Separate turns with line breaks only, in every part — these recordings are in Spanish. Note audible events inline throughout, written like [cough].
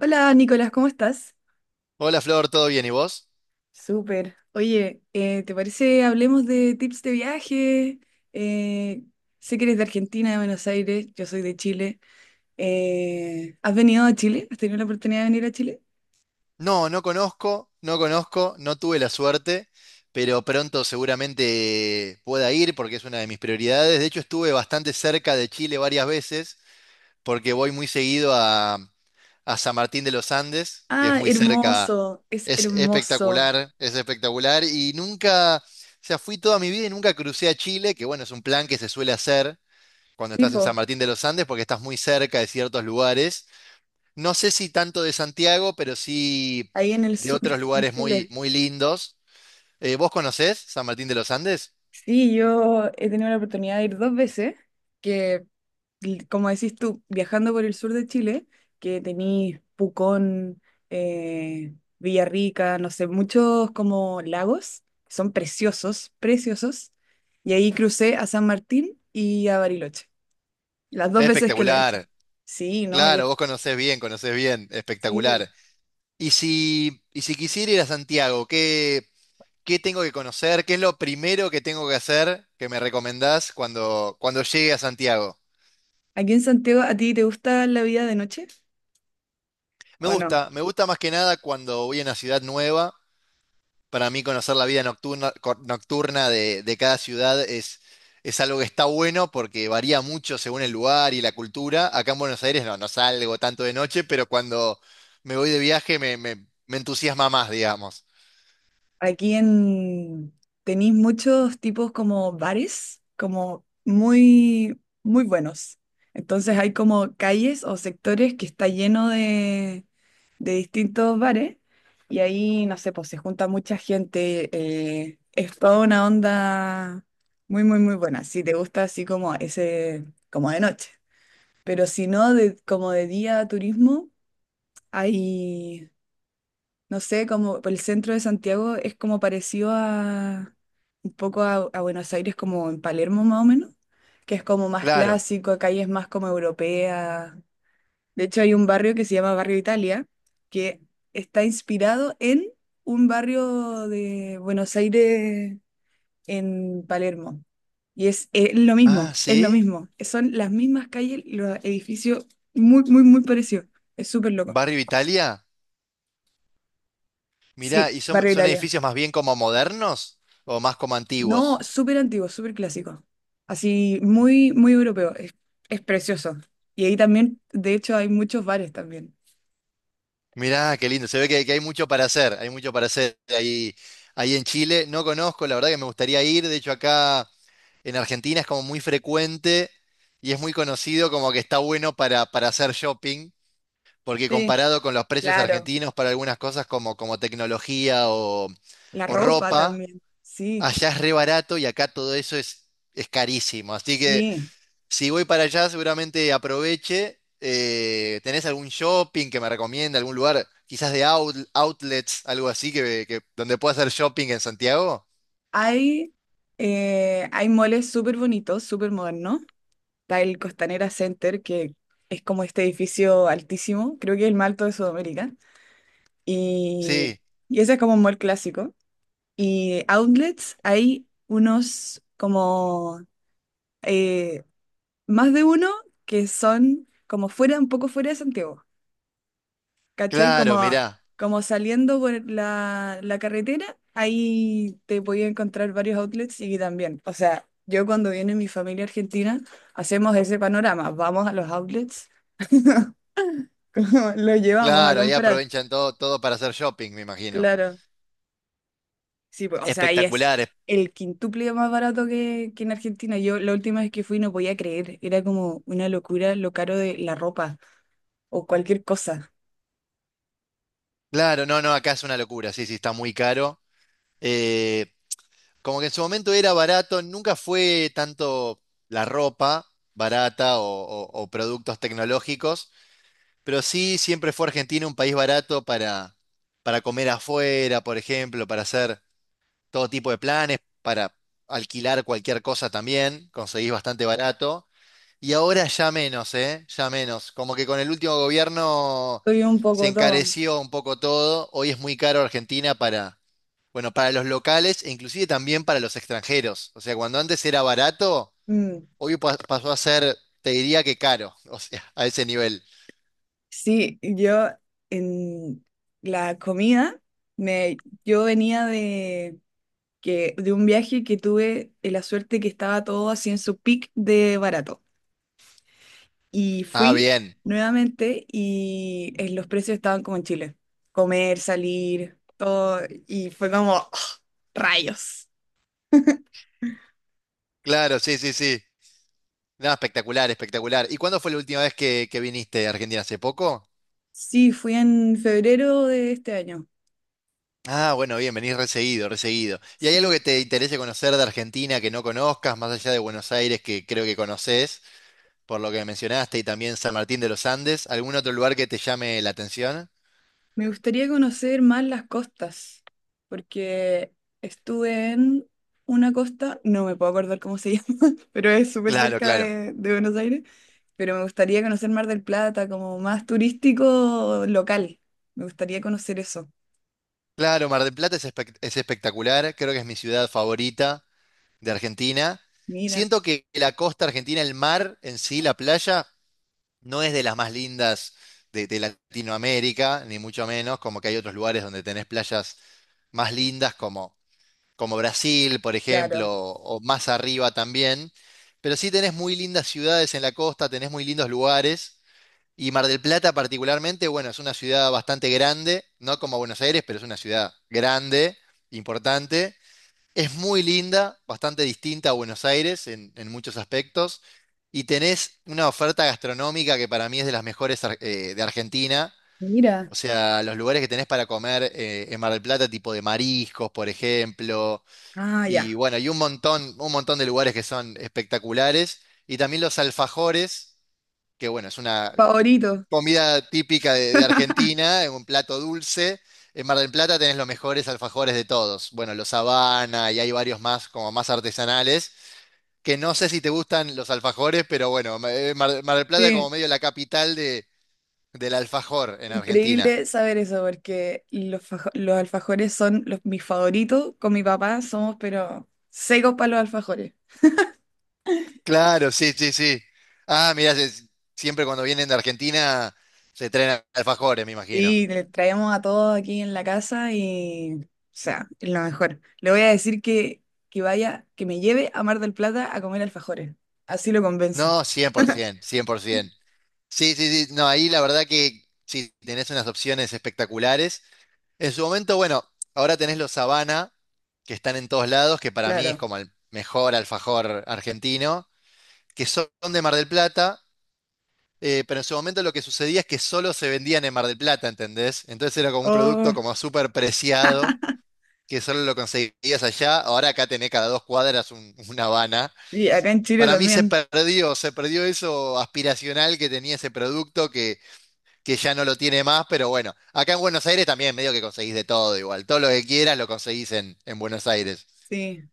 Hola Nicolás, ¿cómo estás?
Hola Flor, ¿todo bien? ¿Y vos?
Súper. Oye, ¿te parece hablemos de tips de viaje? Eh, sé que eres de Argentina, de Buenos Aires, yo soy de Chile. ¿Has venido a Chile? ¿Has tenido la oportunidad de venir a Chile?
No, no conozco, no tuve la suerte, pero pronto seguramente pueda ir porque es una de mis prioridades. De hecho, estuve bastante cerca de Chile varias veces porque voy muy seguido a San Martín de los Andes, que es
Ah,
muy cerca,
hermoso, es
es
hermoso.
espectacular, es espectacular. Y nunca, o sea, fui toda mi vida y nunca crucé a Chile, que bueno, es un plan que se suele hacer cuando estás en San
Tipo,
Martín de los Andes porque estás muy cerca de ciertos lugares. No sé si tanto de Santiago, pero sí
ahí en el
de
sur,
otros
en
lugares muy,
Chile.
muy lindos. ¿Vos conocés San Martín de los Andes?
Sí, yo he tenido la oportunidad de ir dos veces, que l- como decís tú, viajando por el sur de Chile, que tenís Pucón, Villarrica, no sé, muchos como lagos, que son preciosos, preciosos, y ahí crucé a San Martín y a Bariloche, las dos veces que lo he hecho.
Espectacular.
Sí, no, ya,
Claro, vos conocés bien, conocés bien.
sí.
Espectacular. Y si quisiera ir a Santiago, ¿qué tengo que conocer? ¿Qué es lo primero que tengo que hacer que me recomendás cuando llegue a Santiago?
¿Aquí en Santiago a ti te gusta la vida de noche o no?
Me gusta más que nada cuando voy a una ciudad nueva. Para mí conocer la vida nocturna, nocturna de cada ciudad es algo que está bueno porque varía mucho según el lugar y la cultura. Acá en Buenos Aires no salgo tanto de noche, pero cuando me voy de viaje me entusiasma más, digamos.
Aquí en tenéis muchos tipos como bares, como muy, muy buenos. Entonces hay como calles o sectores que está lleno de distintos bares y ahí, no sé, pues se junta mucha gente. Es toda una onda muy, muy, muy buena. Si te gusta así como ese, como de noche. Pero si no, de, como de día turismo, hay, no sé, como el centro de Santiago es como parecido a un poco a Buenos Aires como en Palermo más o menos, que es como más
Claro.
clásico, acá y es más como europea. De hecho hay un barrio que se llama Barrio Italia, que está inspirado en un barrio de Buenos Aires en Palermo. Y es lo mismo,
Ah,
es lo
¿sí?
mismo. Son las mismas calles, los edificios muy, muy, muy parecidos. Es súper loco.
¿Barrio Italia? Mirá,
Sí,
¿y son,
Barrio
son
Italia.
edificios más bien como modernos o más como
No,
antiguos?
súper antiguo, súper clásico. Así, muy, muy europeo. Es precioso. Y ahí también, de hecho, hay muchos bares también.
Mirá, qué lindo. Se ve que hay mucho para hacer, hay mucho para hacer ahí en Chile. No conozco, la verdad que me gustaría ir. De hecho, acá en Argentina es como muy frecuente y es muy conocido como que está bueno para hacer shopping, porque
Sí,
comparado con los precios
claro.
argentinos para algunas cosas como tecnología o,
La
o
ropa
ropa,
también. Sí,
allá es re barato y acá todo eso es carísimo. Así que
sí.
si voy para allá seguramente aproveche. ¿Tenés algún shopping que me recomienda, algún lugar, quizás de outlets, algo así, donde pueda hacer shopping en Santiago?
Hay, hay moles súper bonitos, súper modernos. Está el Costanera Center, que es como este edificio altísimo. Creo que es el más alto de Sudamérica. Y,
Sí,
y ese es como un mall clásico. Y outlets, hay unos como... eh, más de uno que son como fuera, un poco fuera de Santiago, ¿cachai?
claro,
Como,
mirá.
como saliendo por la, la carretera, ahí te podía encontrar varios outlets y también, o sea, yo cuando viene mi familia argentina, hacemos ese panorama, vamos a los outlets, [laughs] como los llevamos a
Claro, ahí
comprar,
aprovechan todo, todo para hacer shopping, me imagino.
claro. Sí, pues, o sea, ahí es
Espectaculares.
el quintuple más barato que en Argentina. Yo la última vez que fui no podía creer, era como una locura lo caro de la ropa o cualquier cosa.
Claro, no, no, acá es una locura, sí, sí, está muy caro. Eh, como que en su momento era barato, nunca fue tanto la ropa barata o productos tecnológicos, pero sí siempre fue Argentina un país barato para comer afuera, por ejemplo, para hacer todo tipo de planes, para alquilar cualquier cosa también, conseguís bastante barato. Y ahora ya menos, ¿eh? Ya menos. Como que con el último gobierno
Soy un
se
poco todo.
encareció un poco todo. Hoy es muy caro Argentina para, bueno, para los locales e inclusive también para los extranjeros. O sea, cuando antes era barato,
Mm,
hoy pasó a ser, te diría que caro. [laughs] O sea, a ese nivel.
sí, yo en la comida, me, yo venía de, que, de un viaje que tuve la suerte que estaba todo así en su peak de barato. Y
Ah,
fui
bien.
nuevamente y los precios estaban como en Chile. Comer, salir, todo. Y fue como, ¡oh, rayos!
Claro, sí, sí, sí. Nada, espectacular, espectacular. ¿Y cuándo fue la última vez que viniste a Argentina? ¿Hace poco?
Sí, fui en febrero de este año.
Ah, bueno, bien, venís reseguido, reseguido. ¿Y hay algo
Sí.
que te interese conocer de Argentina que no conozcas, más allá de Buenos Aires, que creo que conoces, por lo que mencionaste, y también San Martín de los Andes? ¿Algún otro lugar que te llame la atención?
Me gustaría conocer más las costas, porque estuve en una costa, no me puedo acordar cómo se llama, [laughs] pero es súper
Claro,
cerca
claro.
de Buenos Aires, pero me gustaría conocer Mar del Plata como más turístico local. Me gustaría conocer eso.
Claro, Mar del Plata es espectacular, creo que es mi ciudad favorita de Argentina.
Mira,
Siento que la costa argentina, el mar en sí, la playa, no es de las más lindas de Latinoamérica, ni mucho menos, como que hay otros lugares donde tenés playas más lindas como Brasil, por ejemplo,
claro.
o más arriba también. Pero sí tenés muy lindas ciudades en la costa, tenés muy lindos lugares. Y Mar del Plata particularmente, bueno, es una ciudad bastante grande, no como Buenos Aires, pero es una ciudad grande, importante. Es muy linda, bastante distinta a Buenos Aires en muchos aspectos. Y tenés una oferta gastronómica que para mí es de las mejores de Argentina.
Mira.
O sea, los lugares que tenés para comer en Mar del Plata, tipo de mariscos, por ejemplo,
Ah, ya.
y bueno, y un montón de lugares que son espectaculares. Y también los alfajores, que bueno, es una
Favorito.
comida típica de
[laughs]
Argentina, es un plato dulce. En Mar del Plata tenés los mejores alfajores de todos. Bueno, los Habana y hay varios más, como más artesanales, que no sé si te gustan los alfajores, pero bueno, Mar del Plata es como
Sí,
medio la capital del alfajor en Argentina.
increíble saber eso, porque los, fajo- los alfajores son los, mis favoritos. Con mi papá somos, pero secos para los alfajores.
Claro, sí, sí, sí. Ah, mirá, siempre cuando vienen de Argentina se traen alfajores, me imagino.
Sí, le traemos a todos aquí en la casa y, o sea, es lo mejor. Le voy a decir que vaya, que me lleve a Mar del Plata a comer alfajores. Así lo convenzo.
No, por
[laughs]
ciento, cien por 100%. Sí, sí, sí. No, ahí la verdad que sí, tenés unas opciones espectaculares. En su momento, bueno, ahora tenés los Habana, que están en todos lados, que para mí es
Claro.
como el mejor alfajor argentino, que son de Mar del Plata, pero en su momento lo que sucedía es que solo se vendían en Mar del Plata, ¿entendés? Entonces era como un producto
Oh,
como súper preciado, que solo lo conseguías allá. Ahora acá tenés cada dos cuadras un Habana.
y acá en Chile
Para mí
también.
se perdió eso aspiracional que tenía ese producto que ya no lo tiene más, pero bueno, acá en Buenos Aires también medio que conseguís de todo igual, todo lo que quieras lo conseguís en Buenos Aires.
Sí.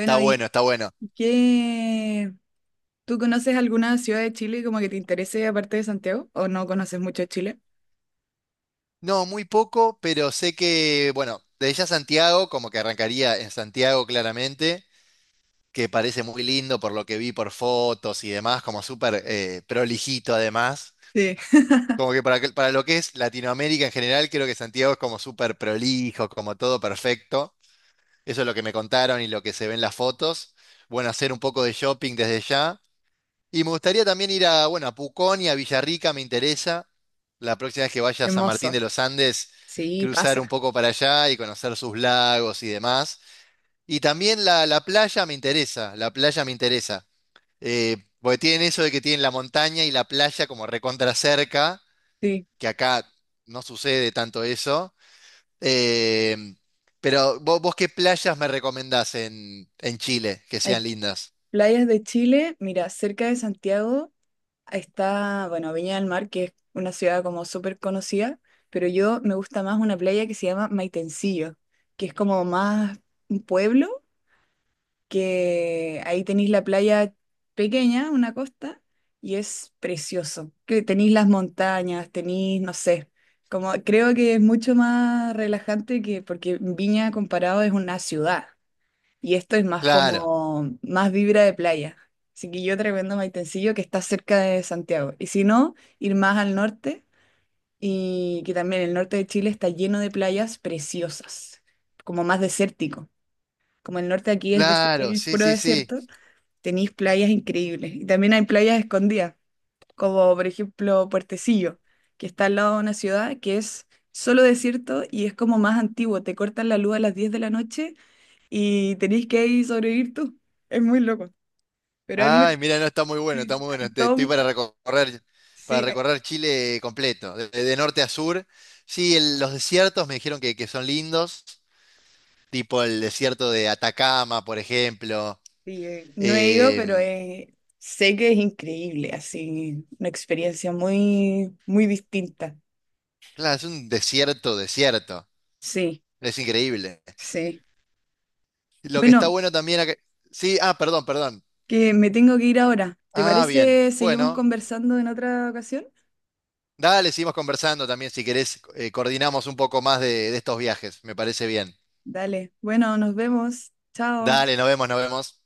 Está
¿y
bueno, está bueno.
qué? ¿Tú conoces alguna ciudad de Chile como que te interese aparte de Santiago? ¿O no conoces mucho de Chile?
No, muy poco, pero sé que, bueno, desde ya Santiago, como que arrancaría en Santiago claramente, que parece muy lindo por lo que vi por fotos y demás, como súper prolijito además.
Sí.
Como que para lo que es Latinoamérica en general, creo que Santiago es como súper prolijo, como todo perfecto. Eso es lo que me contaron y lo que se ve en las fotos. Bueno, hacer un poco de shopping desde ya. Y me gustaría también ir a, bueno, a Pucón y a Villarrica, me interesa. La próxima vez que vaya a San Martín
Hermoso.
de los Andes,
Sí,
cruzar un
pasa.
poco para allá y conocer sus lagos y demás. Y también la playa me interesa, la playa me interesa. Porque tienen eso de que tienen la montaña y la playa como recontra cerca,
Sí.
que acá no sucede tanto eso. Eh, pero vos, qué playas me recomendás en Chile que
Hay
sean lindas?
playas de Chile. Mira, cerca de Santiago. Está, bueno, Viña del Mar, que es una ciudad como súper conocida, pero yo me gusta más una playa que se llama Maitencillo, que es como más un pueblo, que ahí tenéis la playa pequeña, una costa, y es precioso. Que tenéis las montañas, tenéis, no sé, como creo que es mucho más relajante que porque Viña comparado es una ciudad. Y esto es más
Claro,
como, más vibra de playa. Así que yo te recomiendo Maitencillo, que está cerca de Santiago. Y si no, ir más al norte, y que también el norte de Chile está lleno de playas preciosas, como más desértico. Como el norte aquí es, des-
claro,
es
sí,
puro
sí, sí.
desierto, tenéis playas increíbles. Y también hay playas escondidas, como por ejemplo Puertecillo, que está al lado de una ciudad que es solo desierto y es como más antiguo. Te cortan la luz a las 10 de la noche y tenéis que ahí sobrevivir tú. Es muy loco, pero hay
Ay,
muy...
mira, no, está muy bueno,
Sí,
está muy
hay
bueno.
todo
Estoy
un-
para
sí, hay-
recorrer Chile completo, de norte a sur. Sí, los desiertos me dijeron que son lindos, tipo el desierto de Atacama, por ejemplo.
sí, no he ido,
Eh,
pero sé que es increíble, así, una experiencia muy, muy distinta.
claro, es un desierto, desierto.
Sí,
Es increíble.
sí.
Lo que está
Bueno,
bueno también acá- Sí, ah, perdón, perdón.
que me tengo que ir ahora. ¿Te
Ah, bien.
parece seguimos
Bueno.
conversando en otra ocasión?
Dale, seguimos conversando también, si querés, coordinamos un poco más de estos viajes, me parece bien.
Dale, bueno, nos vemos. Chao.
Dale, nos vemos, nos vemos.